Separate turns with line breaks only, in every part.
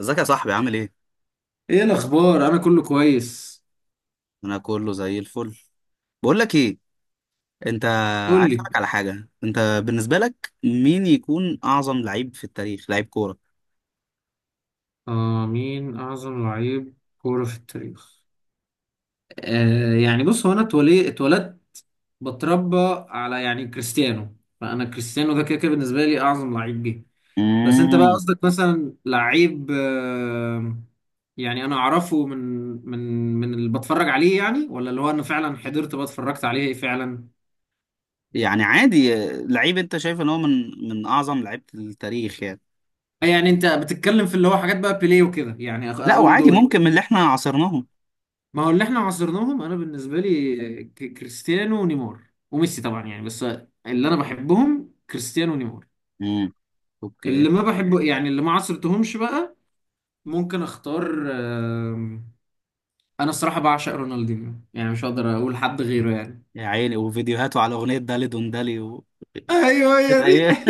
ازيك يا صاحبي عامل ايه؟
ايه الاخبار؟ انا كله كويس.
انا كله زي الفل. بقول لك ايه انت،
قول
عايز
لي.
اسالك على حاجه. انت بالنسبه لك مين يكون اعظم لعيب في التاريخ، لعيب كوره؟
آه، مين اعظم لعيب كوره في التاريخ؟ آه، يعني بص، هو انا اتولدت، بتربى على يعني كريستيانو، فانا كريستيانو ده كده كده بالنسبه لي اعظم لعيب جه. بس انت بقى
امم
قصدك مثلا لعيب، آه، يعني انا اعرفه من من اللي بتفرج عليه يعني، ولا اللي هو انا فعلا حضرت بقى اتفرجت عليه فعلا؟
يعني عادي، لعيب انت شايف ان هو من اعظم لعيبه التاريخ يعني.
يعني انت بتتكلم في اللي هو حاجات بقى بيليه وكده، يعني
لا
اقول
وعادي،
دول.
ممكن من اللي احنا عاصرناهم.
ما هو اللي احنا عاصرناهم، انا بالنسبه لي كريستيانو ونيمار وميسي طبعا، يعني بس اللي انا بحبهم كريستيانو ونيمار.
امم اوكي.
اللي ما بحبه يعني اللي ما عاصرتهمش بقى ممكن اختار، انا الصراحه بعشق رونالدينيو، يعني مش هقدر اقول حد غيره يعني.
يا عيني، وفيديوهاته على اغنيه دالي دون دالي و
ايوه،
كانت
هي دي.
ايه؟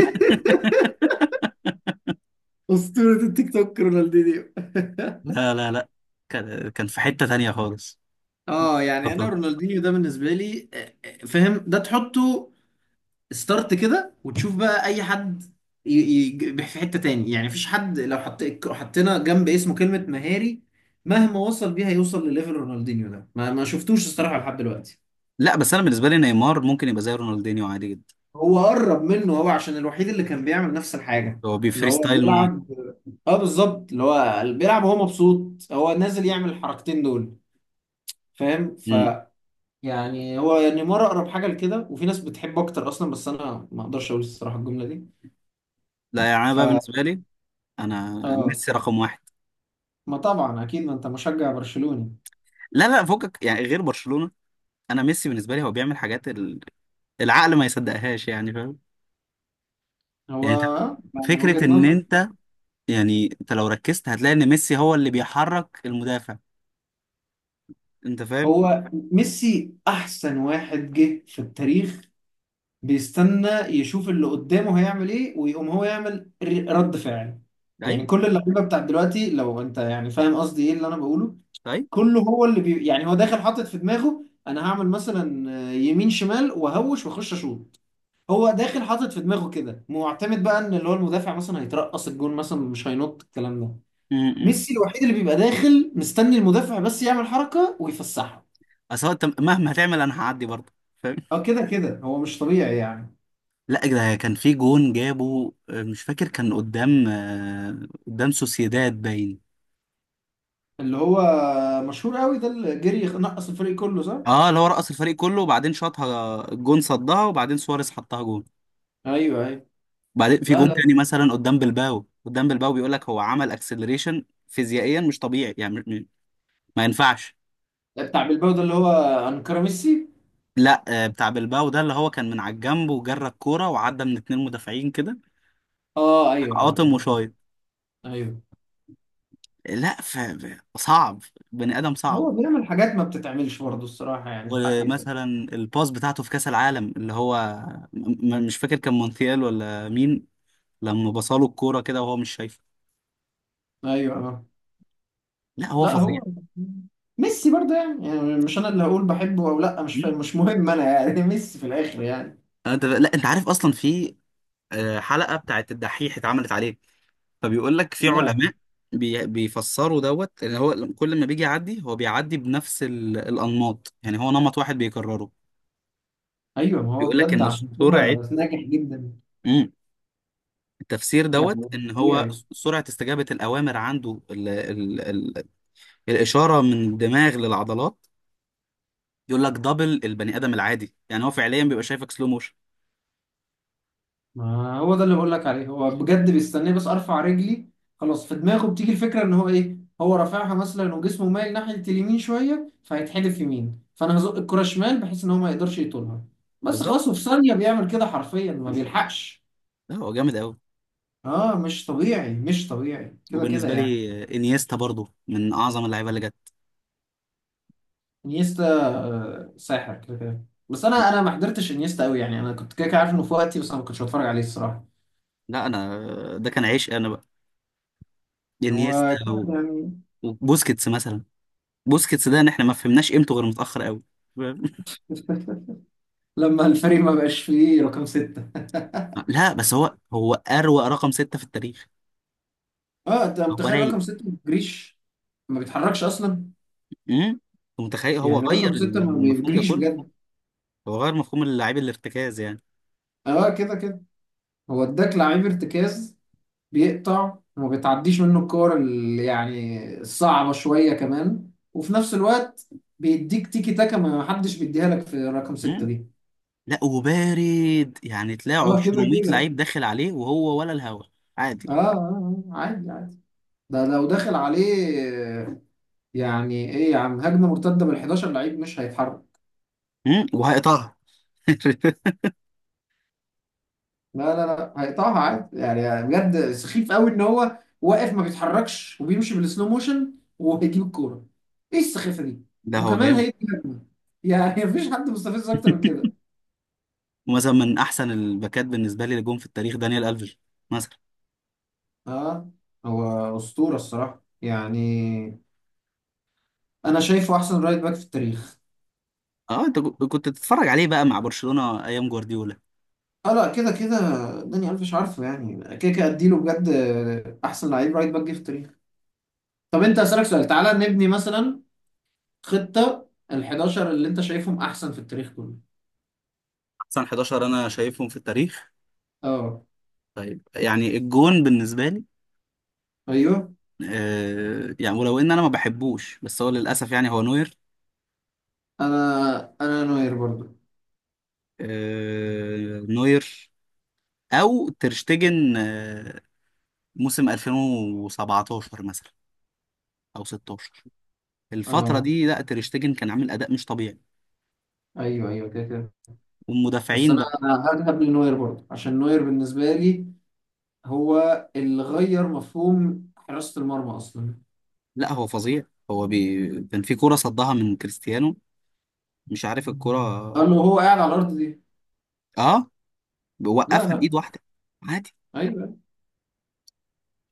اسطوره التيك توك رونالدينيو.
لا لا لا، كان في حته تانية خالص.
اه، يعني
خطر.
انا رونالدينيو ده بالنسبه لي، فاهم؟ ده تحطه ستارت كده وتشوف بقى اي حد ي- في حتة تاني، يعني مفيش حد لو حط، حطينا جنب اسمه كلمة مهاري مهما وصل بيها يوصل لليفل رونالدينيو ده، ما شفتوش الصراحة لحد دلوقتي.
لا بس انا بالنسبه لي نيمار ممكن يبقى زي رونالدينيو عادي جدا.
هو قرب منه هو، عشان الوحيد اللي كان بيعمل نفس الحاجة
هو
اللي
بيفري
هو
ستايل موت.
بيلعب. اه بالظبط، اللي هو بيلعب وهو مبسوط، هو نازل يعمل الحركتين دول، فاهم؟ ف
مم.
يعني هو نيمار اقرب حاجة لكده، وفي ناس بتحبه اكتر اصلا، بس انا ما اقدرش اقول الصراحة الجملة دي.
لا يعني انا
ف
بقى بالنسبه لي، انا
اه.
ميسي رقم واحد.
ما طبعا اكيد، ما انت مشجع برشلوني.
لا لا، فوقك يعني غير برشلونه. انا ميسي بالنسبه لي هو بيعمل حاجات العقل ما يصدقهاش يعني، فاهم؟
هو
يعني انت،
يعني
فكره
وجهة
ان
نظر.
انت، يعني انت لو ركزت هتلاقي ان ميسي هو اللي بيحرك المدافع. انت فاهم؟
هو ميسي احسن واحد جه في التاريخ، بيستنى يشوف اللي قدامه هيعمل ايه، ويقوم هو يعمل رد فعل. يعني
ايوه
كل اللعيبه بتاع دلوقتي، لو انت يعني فاهم قصدي ايه اللي انا بقوله،
طيب.
كله هو اللي بي يعني هو داخل حاطط في دماغه انا هعمل مثلا يمين شمال وهوش واخش اشوط. هو داخل حاطط في دماغه كده، معتمد بقى ان اللي هو المدافع مثلا هيترقص الجون مثلا، مش هينط الكلام ده.
امم
ميسي الوحيد اللي بيبقى داخل مستني المدافع بس يعمل حركة ويفسحها.
اصل هو انت مهما هتعمل انا هعدي برضه، فاهم.
اه كده كده هو مش طبيعي يعني.
لا ده كان في جون جابه، مش فاكر كان قدام سوسيداد باين.
اللي هو مشهور قوي ده، اللي جري نقص الفريق كله، صح؟
اه اللي هو رقص الفريق كله، وبعدين شاطها الجون صدها، وبعدين سواريز حطها جون.
ايوه ايوه.
بعدين في
لا،
جون
لا
تاني مثلا قدام بلباو، بيقول لك هو عمل اكسلريشن فيزيائيا مش طبيعي يعني، ما ينفعش.
بتاع بلباو ده اللي هو انكر ميسي.
لا بتاع بلباو ده اللي هو كان من على الجنب وجرى الكوره وعدى من اتنين مدافعين كده،
اه ايوه ايوه
قاطم
ايوه.
وشايط.
ايوه،
لا صعب، بني ادم صعب.
هو بيعمل حاجات ما بتتعملش برضه الصراحة، يعني الحق يتقال.
ومثلا الباس بتاعته في كاس العالم اللي هو، مش فاكر كان مونتيال ولا مين، لما بصاله الكوره كده وهو مش شايفه.
ايوه اه.
لا هو
لا
فظيع.
هو ميسي برضه يعني، يعني مش انا اللي هقول بحبه او لا، مش فاهم، مش مهم انا يعني. ميسي في الاخر يعني.
انت لا انت عارف اصلا في حلقه بتاعت الدحيح اتعملت عليه، فبيقول لك في
لا.
علماء بيفسروا دوت ان هو كل ما بيجي يعدي هو بيعدي بنفس الانماط، يعني هو نمط واحد بيكرره.
ايوه، ما هو
بيقول لك
بجد
ان
عشان
سرعه،
كده ناجح جدا.
امم التفسير
يعني
دوت
مش
ان هو
طبيعي.
سرعه استجابه الاوامر عنده الاشاره من الدماغ للعضلات. يقول لك دبل البني ادم العادي، يعني هو فعليا بيبقى شايفك سلو موشن.
ما هو ده اللي بقول لك عليه، هو بجد بيستناه بس ارفع رجلي، خلاص في دماغه بتيجي الفكره ان هو ايه، هو رافعها مثلا وجسمه مايل ناحيه اليمين شويه فهيتحدف يمين، فانا هزق الكره شمال بحيث ان هو ما يقدرش يطولها. بس
بالظبط.
خلاص، وفي ثانيه بيعمل كده حرفيا، ما بيلحقش.
لا هو جامد قوي.
اه مش طبيعي، مش طبيعي كده كده
وبالنسبه
يعني.
لي انيستا برضو من اعظم اللعيبه اللي جت.
انيستا آه، ساحر كده كده، بس انا ما حضرتش انيستا قوي يعني. انا كنت كده كده عارف انه في وقتي، بس انا ما كنتش بتفرج عليه الصراحه.
لا انا ده كان عيش انا بقى
هو
انيستا
كده يعني.
وبوسكيتس مثلا. بوسكيتس ده ان احنا ما فهمناش قيمته غير متاخر قوي، فاهم؟
لما الفريق ما بقاش فيه رقم ستة.
لا بس هو اروق رقم ستة في التاريخ.
اه، انت
هو
متخيل
رايق.
رقم ستة ما بيجريش؟ ما بيتحركش اصلا.
امم أنت متخيل هو
يعني
غير
رقم ستة ما
المفهوم ده
بيجريش
كله.
بجد.
هو غير مفهوم اللاعب الارتكاز يعني.
اه كده كده، هو اداك لعيب ارتكاز بيقطع وما بتعديش منه الكور اللي يعني الصعبة شوية، كمان وفي نفس الوقت بيديك تيكي تاكا ما حدش بيديها لك في رقم ستة
امم
دي.
لا وبارد، يعني تلاقي
اه كده
200
كده.
لعيب داخل عليه وهو ولا الهوا، عادي.
اه، آه، آه، عادي عادي. ده لو داخل عليه، يعني ايه يا عم، هجمة مرتدة بال 11 لعيب مش هيتحرك.
وهيقطعها.
لا لا لا، هيقطعها عادي يعني. بجد سخيف قوي ان هو واقف ما بيتحركش وبيمشي بالسلو موشن وهيجيب الكوره. ايه السخافه دي؟
ده هو
وكمان
جامد.
هيدي هجمه، يعني. مفيش حد مستفز اكتر من كده.
ومثلا من احسن الباكات بالنسبه لي اللي جم في التاريخ دانيال الفيش مثلا.
اه، هو اسطوره الصراحه يعني. انا شايفه احسن رايت باك في التاريخ.
اه انت كنت بتتفرج عليه بقى مع برشلونة ايام جوارديولا.
اه، لا كده كده، داني الفيش عارفه يعني كده كده، اديله بجد احسن لعيب رايت باك جه في التاريخ. طب انت اسالك سؤال، تعالى نبني مثلا خطه ال 11 اللي انت شايفهم احسن في التاريخ كله.
احسن 11 انا شايفهم في التاريخ.
اه.
طيب يعني الجون بالنسبة لي،
ايوه،
يعني ولو ان انا ما بحبوش بس هو للاسف يعني هو نوير.
انا نوير برضو.
نوير. او ترشتجن موسم 2017 مثلا، او 16، الفترة
اه
دي. لا ترشتجن كان عامل اداء مش طبيعي.
ايوه ايوه كده كده. بس
والمدافعين
انا
بقى.
انا هذهب لنوير برضو، عشان نوير بالنسبه لي هو اللي غير مفهوم حراسه المرمى اصلا.
لا هو فظيع. هو كان في كرة صدها من كريستيانو، مش عارف الكرة.
قال له هو قاعد على الارض دي.
اه
لا
بوقفها
لا.
بايد واحده، عادي.
ايوه.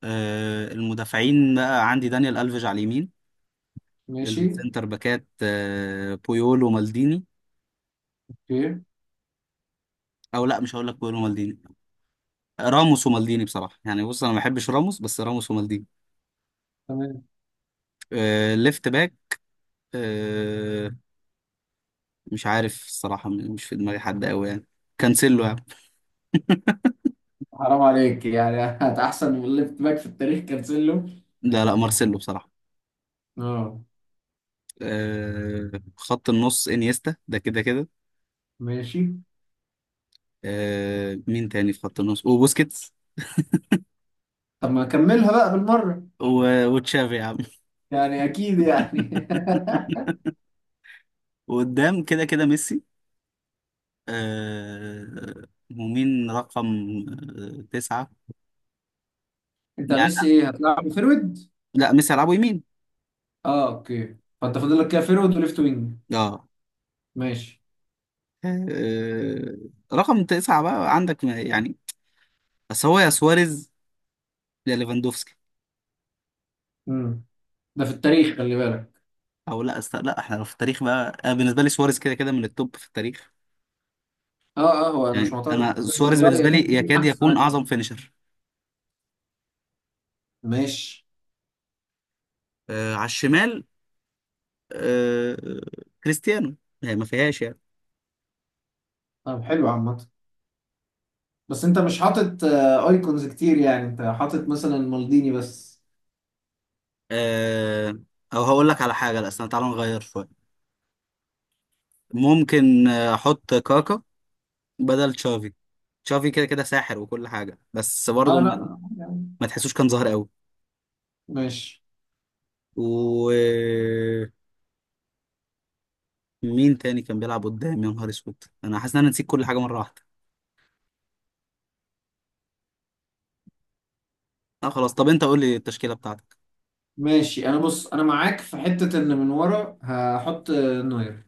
المدافعين بقى عندي دانيال الفيج على اليمين.
ماشي.
السنتر باكات بويول ومالديني.
اوكي.
او لا مش هقول لك بويول ومالديني، راموس ومالديني بصراحه. يعني بص انا ما بحبش راموس بس راموس ومالديني.
تمام.
ليفت باك. آه مش عارف الصراحه، مش في دماغي حد قوي يعني، كانسيلو يعني.
حرام عليك يعني. هت احسن من الليفت باك في التاريخ كانسيلو؟
لا لا، مارسيلو بصراحه.
اه.
آه خط النص انيستا ده كده كده.
ماشي.
مين تاني في خط النص وبوسكيتس
طب ما اكملها بقى بالمره،
وتشافي يا عم.
يعني اكيد يعني.
وقدام كده كده ميسي. آه ومين رقم تسعة؟
انت
يعني
ميسي ايه، هتلعب فيرويد؟
لا ميسي هيلعبوا يمين.
اه اوكي، فانت فاضل لك كده فيرويد وليفت وينج.
اه
ماشي.
آه، رقم تسعة بقى عندك، يعني بس هو يا سواريز يا ليفاندوفسكي.
امم، ده في التاريخ خلي بالك.
او لا لا احنا في التاريخ بقى انا بالنسبة لي سواريز كده كده من التوب في التاريخ.
اه اه، هو انا مش
يعني
معترض.
انا
انت
سواريز بالنسبة
رايك
لي
انت مين
يكاد
احسن
يكون
واحد؟
اعظم فينيشر.
ماشي.
على الشمال. آه كريستيانو يعني ما فيهاش يعني.
طب حلو عامة، بس انت مش حاطط آه، ايكونز كتير، يعني انت حاطط مثلا مالديني بس.
آه او هقول لك على حاجة، لا استنى تعالى نغير شوية. ممكن احط كاكا بدل تشافي. تشافي كده كده ساحر وكل حاجه، بس برضه
اه لا
ما
لا يعني.
ما تحسوش كان ظاهر قوي.
ماشي.
و مين تاني كان بيلعب قدام؟ يا نهار اسود انا حاسس ان انا نسيت كل حاجه مره واحده. اه خلاص، طب انت قول لي التشكيله بتاعتك.
ماشي، انا بص انا معاك في حتة ان من ورا هحط آه، نوير.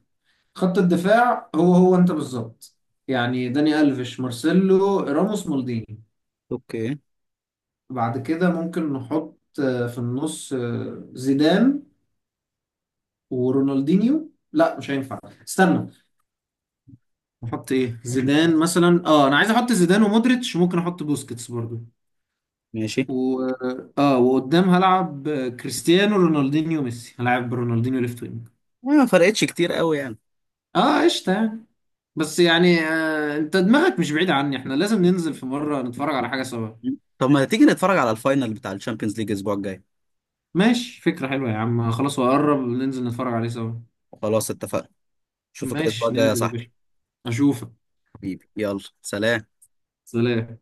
خط الدفاع هو انت بالظبط، يعني داني الفيش مارسيلو راموس مالديني.
اوكي
بعد كده ممكن نحط آه، في النص آه، زيدان ورونالدينيو. لا مش هينفع، استنى. نحط ايه؟ زيدان مثلا، اه انا عايز احط زيدان ومودريتش، ممكن احط بوسكيتس برضو.
ماشي.
و اه، وقدام هلعب كريستيانو رونالدينيو ميسي، هلعب برونالدينيو ليفت وينج.
ما فرقتش كتير قوي يعني.
اه قشطة يعني. بس يعني آه، انت دماغك مش بعيدة عني، احنا لازم ننزل في مرة نتفرج على حاجة سوا.
طب ما تيجي نتفرج على الفاينل بتاع الشامبيونز ليج الاسبوع الجاي.
ماشي فكرة حلوة يا عم، خلاص وقرب ننزل نتفرج عليه سوا.
خلاص اتفقنا. اشوفك الاسبوع
ماشي،
الجاي يا
ننزل يا
صاحبي.
باشا. اشوفك.
حبيبي يلا سلام.
سلام.